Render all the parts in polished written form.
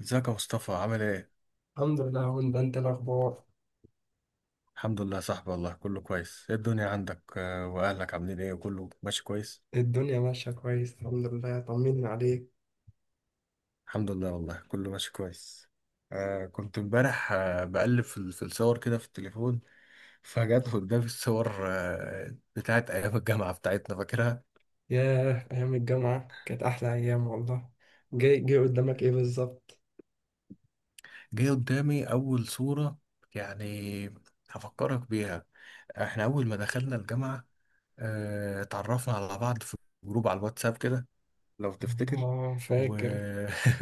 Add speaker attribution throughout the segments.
Speaker 1: ازيك يا مصطفى عامل ايه؟
Speaker 2: الحمد لله. هون ده، انت الاخبار؟
Speaker 1: الحمد لله يا صاحبي والله كله كويس. ايه الدنيا عندك، واهلك عاملين ايه، كله ماشي كويس؟
Speaker 2: الدنيا ماشيه كويس الحمد لله. طمنا عليك.
Speaker 1: الحمد لله والله كله ماشي كويس. كنت امبارح بقلب في في الصور كده في التليفون. فجت قدامي الصور بتاعت ايام الجامعة بتاعتنا، فاكرها؟
Speaker 2: ياه، ايام الجامعه كانت احلى ايام والله. جاي جاي قدامك ايه بالظبط؟
Speaker 1: جه قدامي اول صورة يعني، هفكرك بيها. احنا اول ما دخلنا الجامعة، اتعرفنا على بعض في جروب على الواتساب كده لو تفتكر
Speaker 2: اه
Speaker 1: و...
Speaker 2: فاكر.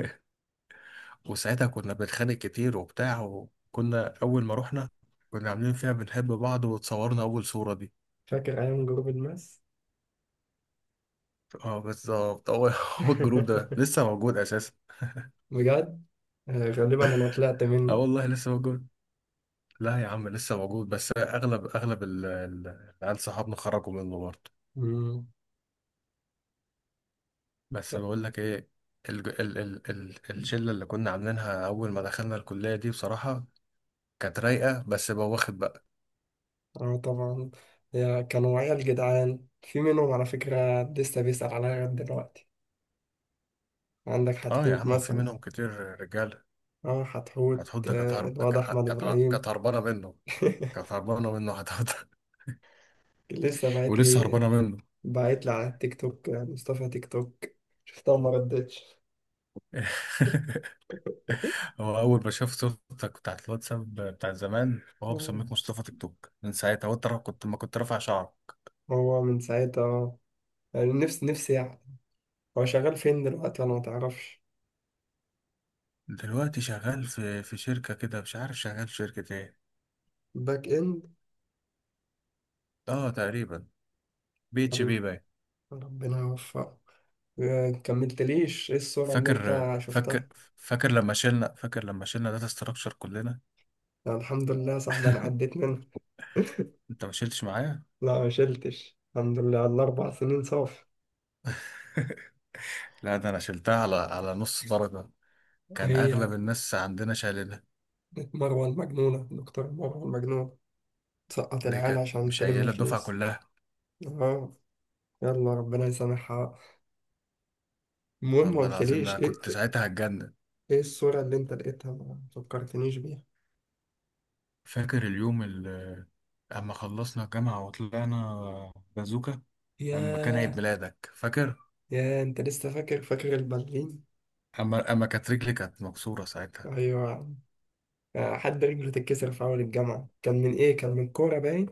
Speaker 1: وساعتها كنا بنتخانق كتير وبتاع، وكنا أول ما رحنا كنا عاملين فيها بنحب بعض وتصورنا أول صورة دي.
Speaker 2: ايام جروب الماس.
Speaker 1: اه بالظبط هو هو الجروب ده لسه موجود أساسا.
Speaker 2: بجد؟ آه، غالبا انا طلعت
Speaker 1: اه
Speaker 2: منه.
Speaker 1: والله لسه موجود. لا يا عم لسه موجود، بس أغلب أغلب العيال صحابنا خرجوا منه برضه.
Speaker 2: مم.
Speaker 1: بس
Speaker 2: لا.
Speaker 1: بقول لك إيه، ال ال ال ال الشلة اللي كنا عاملينها أول ما دخلنا الكلية دي بصراحة كانت رايقة، بس بواخد بقى.
Speaker 2: اه طبعا. يا كانوا عيال جدعان، في منهم على فكره لسه بيسأل عليا لغايه دلوقتي. عندك
Speaker 1: اه يا
Speaker 2: حتحوت
Speaker 1: عم في
Speaker 2: مثلا.
Speaker 1: منهم كتير رجالة.
Speaker 2: اه حتحوت،
Speaker 1: هتحط، كانت هرب-
Speaker 2: الواد
Speaker 1: كانت
Speaker 2: احمد
Speaker 1: كانت
Speaker 2: ابراهيم.
Speaker 1: هربانة منه. كانت هربانة منه حضرتك.
Speaker 2: لسه باعت
Speaker 1: ولسه
Speaker 2: لي.
Speaker 1: هربانة منه.
Speaker 2: باعت لي على التيك توك، مصطفى تيك توك. شفتها وما ردتش.
Speaker 1: هو أول ما شاف صورتك بتاعت الواتساب بتاع زمان وهو
Speaker 2: آه.
Speaker 1: مسميك مصطفى تيك توك من ساعتها، هو ترى كنت ما كنت رافع شعر.
Speaker 2: هو من ساعتها، يعني نفسي نفسي يعني. هو شغال فين دلوقتي، انا ما تعرفش؟
Speaker 1: دلوقتي شغال في شركة كده، مش عارف شغال في شركة ايه.
Speaker 2: باك اند؟
Speaker 1: اه تقريبا بي اتش
Speaker 2: ولا-
Speaker 1: بي باين.
Speaker 2: ربنا يوفقه. كملتليش ايه الصورة اللي انت
Speaker 1: فاكر
Speaker 2: شفتها؟
Speaker 1: فاكر فاكر لما شلنا داتا ستراكشر كلنا.
Speaker 2: يعني الحمد لله يا صاحبي انا عديت منها.
Speaker 1: انت ما شلتش معايا.
Speaker 2: لا ما شلتش. الحمد لله على الـ4 سنين صافي.
Speaker 1: لا ده انا شلتها على نص درجة. كان
Speaker 2: هي
Speaker 1: اغلب الناس عندنا شايلينها.
Speaker 2: مروة المجنونة، دكتور مروة المجنونة. تسقط
Speaker 1: دي
Speaker 2: العيال
Speaker 1: كانت
Speaker 2: عشان تلم
Speaker 1: مشايله الدفعة
Speaker 2: فلوس.
Speaker 1: كلها.
Speaker 2: اه. يلا، ربنا يسامحها. المهم ما
Speaker 1: والله العظيم ده
Speaker 2: قلتليش
Speaker 1: أنا
Speaker 2: ايه،
Speaker 1: كنت
Speaker 2: ايه؟
Speaker 1: ساعتها هتجنن.
Speaker 2: إيه الصورة اللي انت لقيتها ما فكرتنيش بيها؟
Speaker 1: فاكر اليوم اللي اما خلصنا الجامعة وطلعنا بازوكا، لما كان عيد
Speaker 2: ياه.
Speaker 1: ميلادك، فاكر؟
Speaker 2: يا انت لسه فاكر البالين؟
Speaker 1: اما كانت رجلي كانت مكسورة ساعتها.
Speaker 2: ايوه. حد رجله تتكسر في اول الجامعة، كان من ايه؟ كان من كورة باين.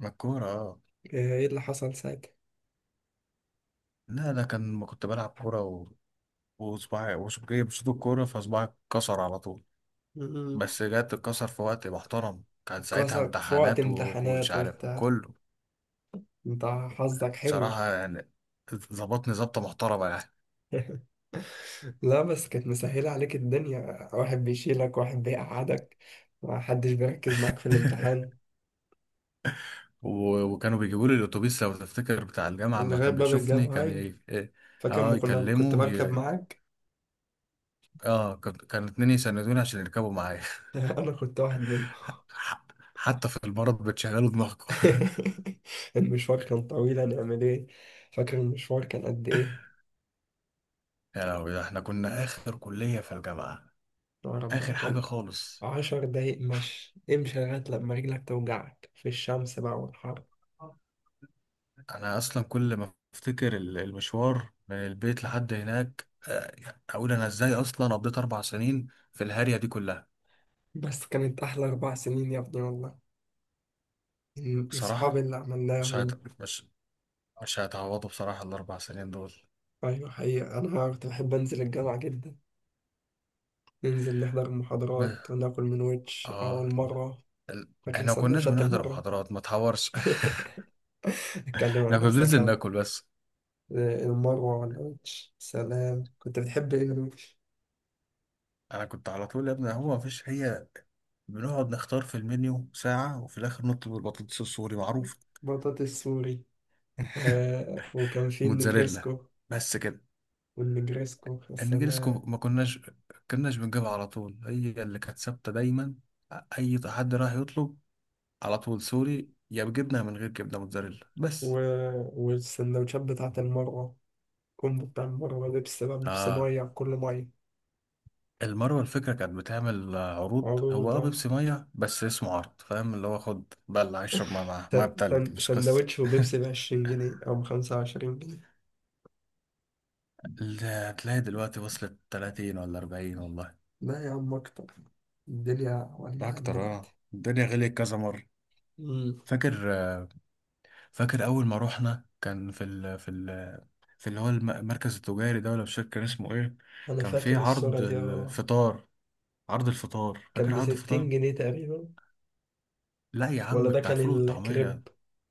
Speaker 1: ما الكورة اه.
Speaker 2: ايه اللي حصل ساعتها؟
Speaker 1: لا لا كان، ما كنت بلعب كورة، وصباعي بصوت الكورة فصباعي اتكسر على طول.
Speaker 2: م-م.
Speaker 1: بس جت اتكسر في وقت محترم، كان ساعتها
Speaker 2: اتكسر في وقت
Speaker 1: امتحانات، ومش
Speaker 2: امتحانات
Speaker 1: عارف
Speaker 2: وبتاع.
Speaker 1: كله.
Speaker 2: انت حظك حلو.
Speaker 1: بصراحة يعني ظبطني ظبطة محترمة يعني.
Speaker 2: لا بس كانت مسهلة عليك الدنيا، واحد بيشيلك واحد بيقعدك. محدش بيركز معاك في الامتحان.
Speaker 1: وكانوا بيجيبوا لي الاتوبيس لو تفتكر بتاع الجامعه، اما
Speaker 2: لغاية
Speaker 1: كان
Speaker 2: باب
Speaker 1: بيشوفني
Speaker 2: الجامعة،
Speaker 1: كان
Speaker 2: أيوة.
Speaker 1: إيه.
Speaker 2: فاكر، ما
Speaker 1: اه
Speaker 2: كنا كنت
Speaker 1: يكلمه
Speaker 2: بركب
Speaker 1: ي...
Speaker 2: معاك.
Speaker 1: اه كان اتنين يسندوني عشان يركبوا معايا.
Speaker 2: انا كنت واحد منهم.
Speaker 1: ح- حتى في المرض بتشغلوا دماغكم.
Speaker 2: المشوار كان طويل، هنعمل ايه؟ فاكر المشوار كان قد ايه؟
Speaker 1: يا لهوي ده احنا كنا اخر كليه في الجامعه،
Speaker 2: يا ربنا،
Speaker 1: اخر حاجه
Speaker 2: كان
Speaker 1: خالص.
Speaker 2: 10 دقايق مشي امشي لغاية لما رجلك توجعك في الشمس بقى، والحر.
Speaker 1: انا اصلا كل ما افتكر المشوار من البيت لحد هناك، اقول انا ازاي اصلا قضيت 4 سنين في الهارية دي كلها.
Speaker 2: بس كانت احلى 4 سنين يا ابني والله. صحابي
Speaker 1: بصراحة
Speaker 2: اللي
Speaker 1: مش
Speaker 2: عملناهم.
Speaker 1: هت... مش مش هيتعوضوا بصراحة الاربع سنين دول.
Speaker 2: ايوه حقيقة، انا كنت بحب انزل الجامعة جدا. ننزل نحضر المحاضرات وناكل من ويتش اول
Speaker 1: اه
Speaker 2: مرة.
Speaker 1: ال-
Speaker 2: فاكر
Speaker 1: احنا ما كناش
Speaker 2: سندوتشات
Speaker 1: بنحضر
Speaker 2: المرة؟
Speaker 1: محاضرات ما تحورش.
Speaker 2: اتكلم عن
Speaker 1: احنا كنا بننزل
Speaker 2: نفسك.
Speaker 1: ناكل بس.
Speaker 2: المروة والقرش سلام. كنت بتحب ايه القرش؟
Speaker 1: انا كنت على طول يا ابني، هو ما فيش هي. بنقعد نختار في المنيو ساعة وفي الآخر نطلب البطاطس السوري معروف،
Speaker 2: بطاطس سوري. آه وكان في
Speaker 1: موتزاريلا،
Speaker 2: النجريسكو.
Speaker 1: بس كده.
Speaker 2: والنجريسكو يا
Speaker 1: النجريسكو
Speaker 2: سلام.
Speaker 1: ما كناش بنجيبها على طول، هي اللي كانت ثابتة دايما. أي حد راح يطلب على طول، سوري يا بجبنة، من غير جبنة موتزاريلا
Speaker 2: و...
Speaker 1: بس.
Speaker 2: والسندوتشات بتاعة المروة. كومبو بتاع المروة، بيبسي بقى بيبسي
Speaker 1: اه
Speaker 2: مية على كل مية.
Speaker 1: المروه الفكره كانت بتعمل عروض. هو
Speaker 2: عروضة.
Speaker 1: بيبسي ميه بس اسمه عرض، فاهم؟ اللي هو خد بقى اللي هيشرب ميه معاه
Speaker 2: س-
Speaker 1: ميه بتلج، مش قصه.
Speaker 2: سندوتش وبيبسي بـ20 جنيه أو بـ25 جنيه.
Speaker 1: اللي هتلاقي دلوقتي وصلت 30 ولا 40 والله.
Speaker 2: لا يا عم، أكتر. الدنيا
Speaker 1: ده
Speaker 2: ولعت
Speaker 1: اكتر، اه
Speaker 2: دلوقتي.
Speaker 1: الدنيا غليت كذا مره.
Speaker 2: مم.
Speaker 1: فاكر آه، فاكر اول ما روحنا كان في ال في ال في اللي هو المركز التجاري ده، ولا مش فاكر كان اسمه ايه.
Speaker 2: أنا
Speaker 1: كان في
Speaker 2: فاكر الصورة
Speaker 1: عرض
Speaker 2: دي أهو.
Speaker 1: الفطار. عرض الفطار،
Speaker 2: كان
Speaker 1: فاكر عرض
Speaker 2: بستين
Speaker 1: الفطار؟
Speaker 2: جنيه تقريبا.
Speaker 1: لا يا عم
Speaker 2: ولا ده
Speaker 1: بتاع
Speaker 2: كان
Speaker 1: الفول والطعميه.
Speaker 2: الكريب؟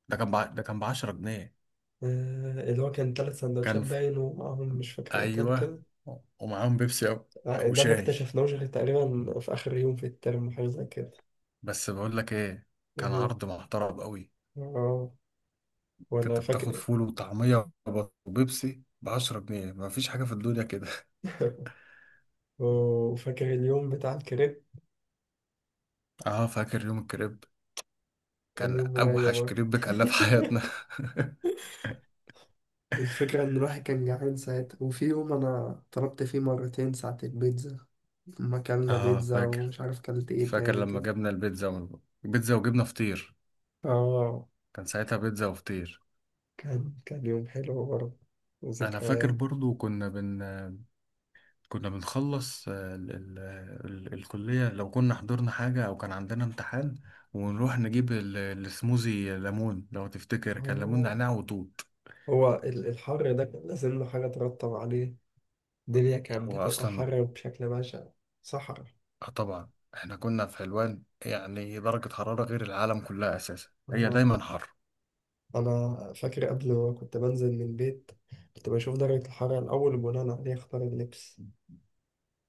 Speaker 1: ده كان ب 10 جنيه.
Speaker 2: اللي هو كان تلات سندوتشات
Speaker 1: كان،
Speaker 2: باين ومعاهم مش فاكر ايه تاني
Speaker 1: ايوه،
Speaker 2: كده.
Speaker 1: ومعاهم بيبسي او
Speaker 2: ده ما
Speaker 1: شاي.
Speaker 2: اكتشفناهوش غير تقريبا في آخر يوم في الترم حاجة زي كده.
Speaker 1: بس بقول لك ايه، كان
Speaker 2: إيه؟
Speaker 1: عرض محترم قوي.
Speaker 2: اه. ولا
Speaker 1: كنت بتاخد
Speaker 2: فاكر؟
Speaker 1: فول وطعميه وبيبسي ب 10 جنيه، ما فيش حاجه في الدنيا كده.
Speaker 2: وفاكر اليوم بتاع الكريب؟
Speaker 1: اه فاكر يوم الكريب،
Speaker 2: كان
Speaker 1: كان
Speaker 2: يوم رايق
Speaker 1: اوحش
Speaker 2: برضه.
Speaker 1: كريب كلناه في حياتنا.
Speaker 2: الفكرة إن الواحد كان جعان ساعتها، وفي يوم أنا طلبت فيه مرتين ساعة البيتزا. لما أكلنا
Speaker 1: اه
Speaker 2: بيتزا
Speaker 1: فاكر
Speaker 2: ومش عارف كلت إيه
Speaker 1: فاكر
Speaker 2: تاني
Speaker 1: لما
Speaker 2: كده.
Speaker 1: جبنا بيتزا وجبنا فطير.
Speaker 2: اه
Speaker 1: كان ساعتها بيتزا وفطير.
Speaker 2: كان يوم حلو برضه
Speaker 1: انا فاكر
Speaker 2: وذكريات.
Speaker 1: برضو كنا بنخلص، ال ال ال الكلية لو كنا حضرنا حاجة أو كان عندنا امتحان، ونروح نجيب السموزي ليمون، لو تفتكر كان ليمون
Speaker 2: اه
Speaker 1: نعناع وتوت.
Speaker 2: هو الحر ده كان لازم له حاجة ترطب عليه. الدنيا كانت
Speaker 1: هو
Speaker 2: بتبقى
Speaker 1: أصلا
Speaker 2: حر بشكل بشع. صحرا.
Speaker 1: آه طبعا احنا كنا في حلوان يعني درجة حرارة غير العالم كلها أساسا، هي
Speaker 2: اه
Speaker 1: دايما حر.
Speaker 2: أنا فاكر قبل ما كنت بنزل من البيت، كنت بشوف درجة الحرارة الأول وبناء عليه أختار اللبس.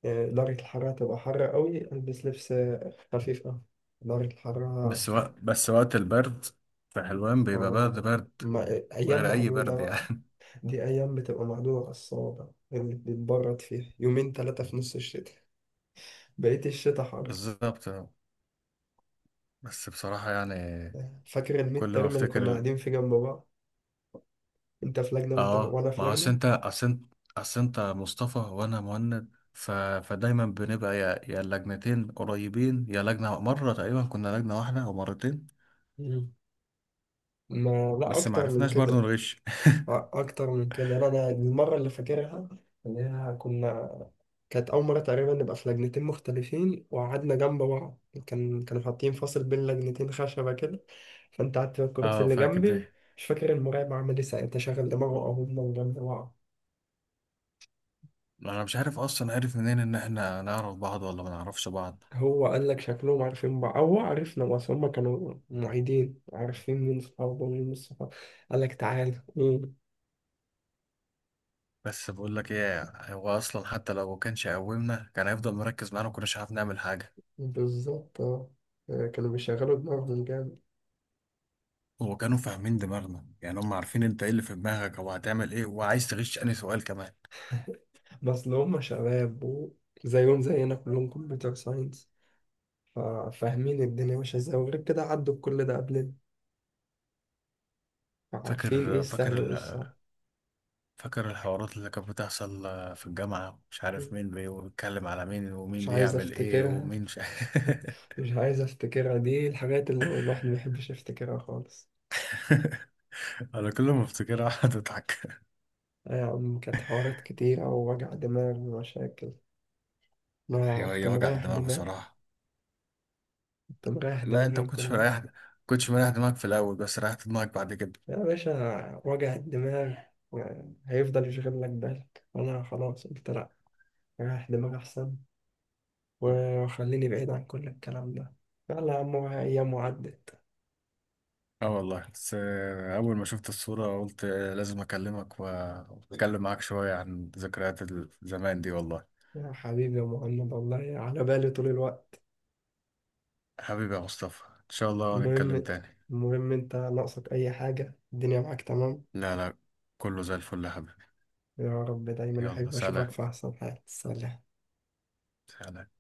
Speaker 2: درجة الحرارة تبقى حر قوي ألبس لبس خفيف أوي. درجة الحرارة.
Speaker 1: بس وقت البرد في حلوان بيبقى برد
Speaker 2: آه،
Speaker 1: برد،
Speaker 2: ما أيام
Speaker 1: غير أي
Speaker 2: معدودة
Speaker 1: برد
Speaker 2: بقى.
Speaker 1: يعني.
Speaker 2: دي أيام بتبقى معدودة على الصوابع اللي بتتبرد فيها يومين تلاتة في نص الشتاء. بقية الشتاء حر.
Speaker 1: بالظبط. بس بصراحة يعني
Speaker 2: فاكر الميد
Speaker 1: كل ما
Speaker 2: ترم اللي كنا
Speaker 1: أفتكر.
Speaker 2: قاعدين فيه جنب بعض؟ انت في لجنة وانت
Speaker 1: اه
Speaker 2: وانا في
Speaker 1: ما هو أصل
Speaker 2: لجنة.
Speaker 1: انت اصل انت اصل انت مصطفى وانا مهند، فدايما بنبقى يا اللجنتين قريبين، يا لجنة مرة، تقريبا كنا لجنة واحدة او مرتين.
Speaker 2: مم. ما لا،
Speaker 1: بس ما
Speaker 2: اكتر من
Speaker 1: عرفناش
Speaker 2: كده.
Speaker 1: برضو نغش.
Speaker 2: اكتر من كده. انا المره اللي فاكرها، اللي هي كنا، كانت اول مره تقريبا نبقى في لجنتين مختلفين وقعدنا جنب بعض. كانوا حاطين فاصل بين لجنتين خشبه كده. فانت قعدت في الكرسي
Speaker 1: اه
Speaker 2: اللي
Speaker 1: فاكر
Speaker 2: جنبي.
Speaker 1: ده.
Speaker 2: مش فاكر المراقب عمل ايه ساعتها، شغل دماغه او هما جنب بعض.
Speaker 1: انا مش عارف اصلا، عارف منين ان احنا نعرف بعض ولا ما نعرفش بعض.
Speaker 2: هو قال لك شكلهم عارفين بعض، هو عرفنا بس هم كانوا معيدين عارفين مين صحابه ومين مش صحابه. قال لك تعالى. مم.
Speaker 1: بس بقول لك ايه، هو اصلا حتى لو ما كانش قومنا، كان هيفضل مركز معانا وكناش عارف نعمل حاجة.
Speaker 2: بالظبط اه. كانوا بيشغلوا دماغهم جامد.
Speaker 1: هو كانوا فاهمين دماغنا يعني، هم عارفين انت ايه اللي في دماغك او هتعمل ايه وعايز تغش انهي سؤال كمان.
Speaker 2: بس لو هم شباب وزيهم زينا كلهم كمبيوتر ساينس، فاهمين الدنيا ماشية ازاي، وغير كده عدوا بكل ده قبلنا، فعارفين ايه
Speaker 1: فاكر فاكر
Speaker 2: السهل وايه الصعب.
Speaker 1: فاكر الحوارات اللي كانت بتحصل، في الجامعة مش عارف
Speaker 2: مم.
Speaker 1: مين بيتكلم على مين،
Speaker 2: مش
Speaker 1: ومين
Speaker 2: عايز
Speaker 1: بيعمل ايه،
Speaker 2: افتكرها.
Speaker 1: ومين مش.
Speaker 2: مش عايز افتكرها، دي الحاجات اللي الواحد ما بيحبش يفتكرها خالص.
Speaker 1: انا كل ما افتكرها اقعد اضحك.
Speaker 2: كانت حوارات كتيرة ووجع دماغ ومشاكل.
Speaker 1: هي
Speaker 2: ما كنت
Speaker 1: هي وجع
Speaker 2: مريح
Speaker 1: دماغ
Speaker 2: دماغي.
Speaker 1: بصراحة.
Speaker 2: كنت مريح
Speaker 1: لا
Speaker 2: دماغي
Speaker 1: انت
Speaker 2: من
Speaker 1: ما كنتش
Speaker 2: كلها.
Speaker 1: مريح، دماغك في الاول، بس ريحت دماغك بعد كده.
Speaker 2: يا باشا وجع الدماغ يعني هيفضل يشغل لك بالك، وأنا خلاص قلت لأ، ريح دماغي أحسن، وخليني بعيد عن كل الكلام ده. يلا يا عم، أيام وعدت.
Speaker 1: اه والله، بس اول ما شفت الصورة قلت لازم اكلمك، واتكلم معاك شوية عن ذكريات زمان دي والله.
Speaker 2: يا حبيبي يا مهند، والله على بالي طول الوقت.
Speaker 1: حبيبي يا مصطفى ان شاء الله نتكلم
Speaker 2: المهم
Speaker 1: تاني.
Speaker 2: المهم، أنت ناقصك أي حاجة؟ الدنيا معاك تمام؟
Speaker 1: لا لا كله زي الفل يا حبيبي.
Speaker 2: يا رب دايما
Speaker 1: يلا
Speaker 2: أحب أشوفك
Speaker 1: سلام،
Speaker 2: في أحسن حال. سلام.
Speaker 1: سلام.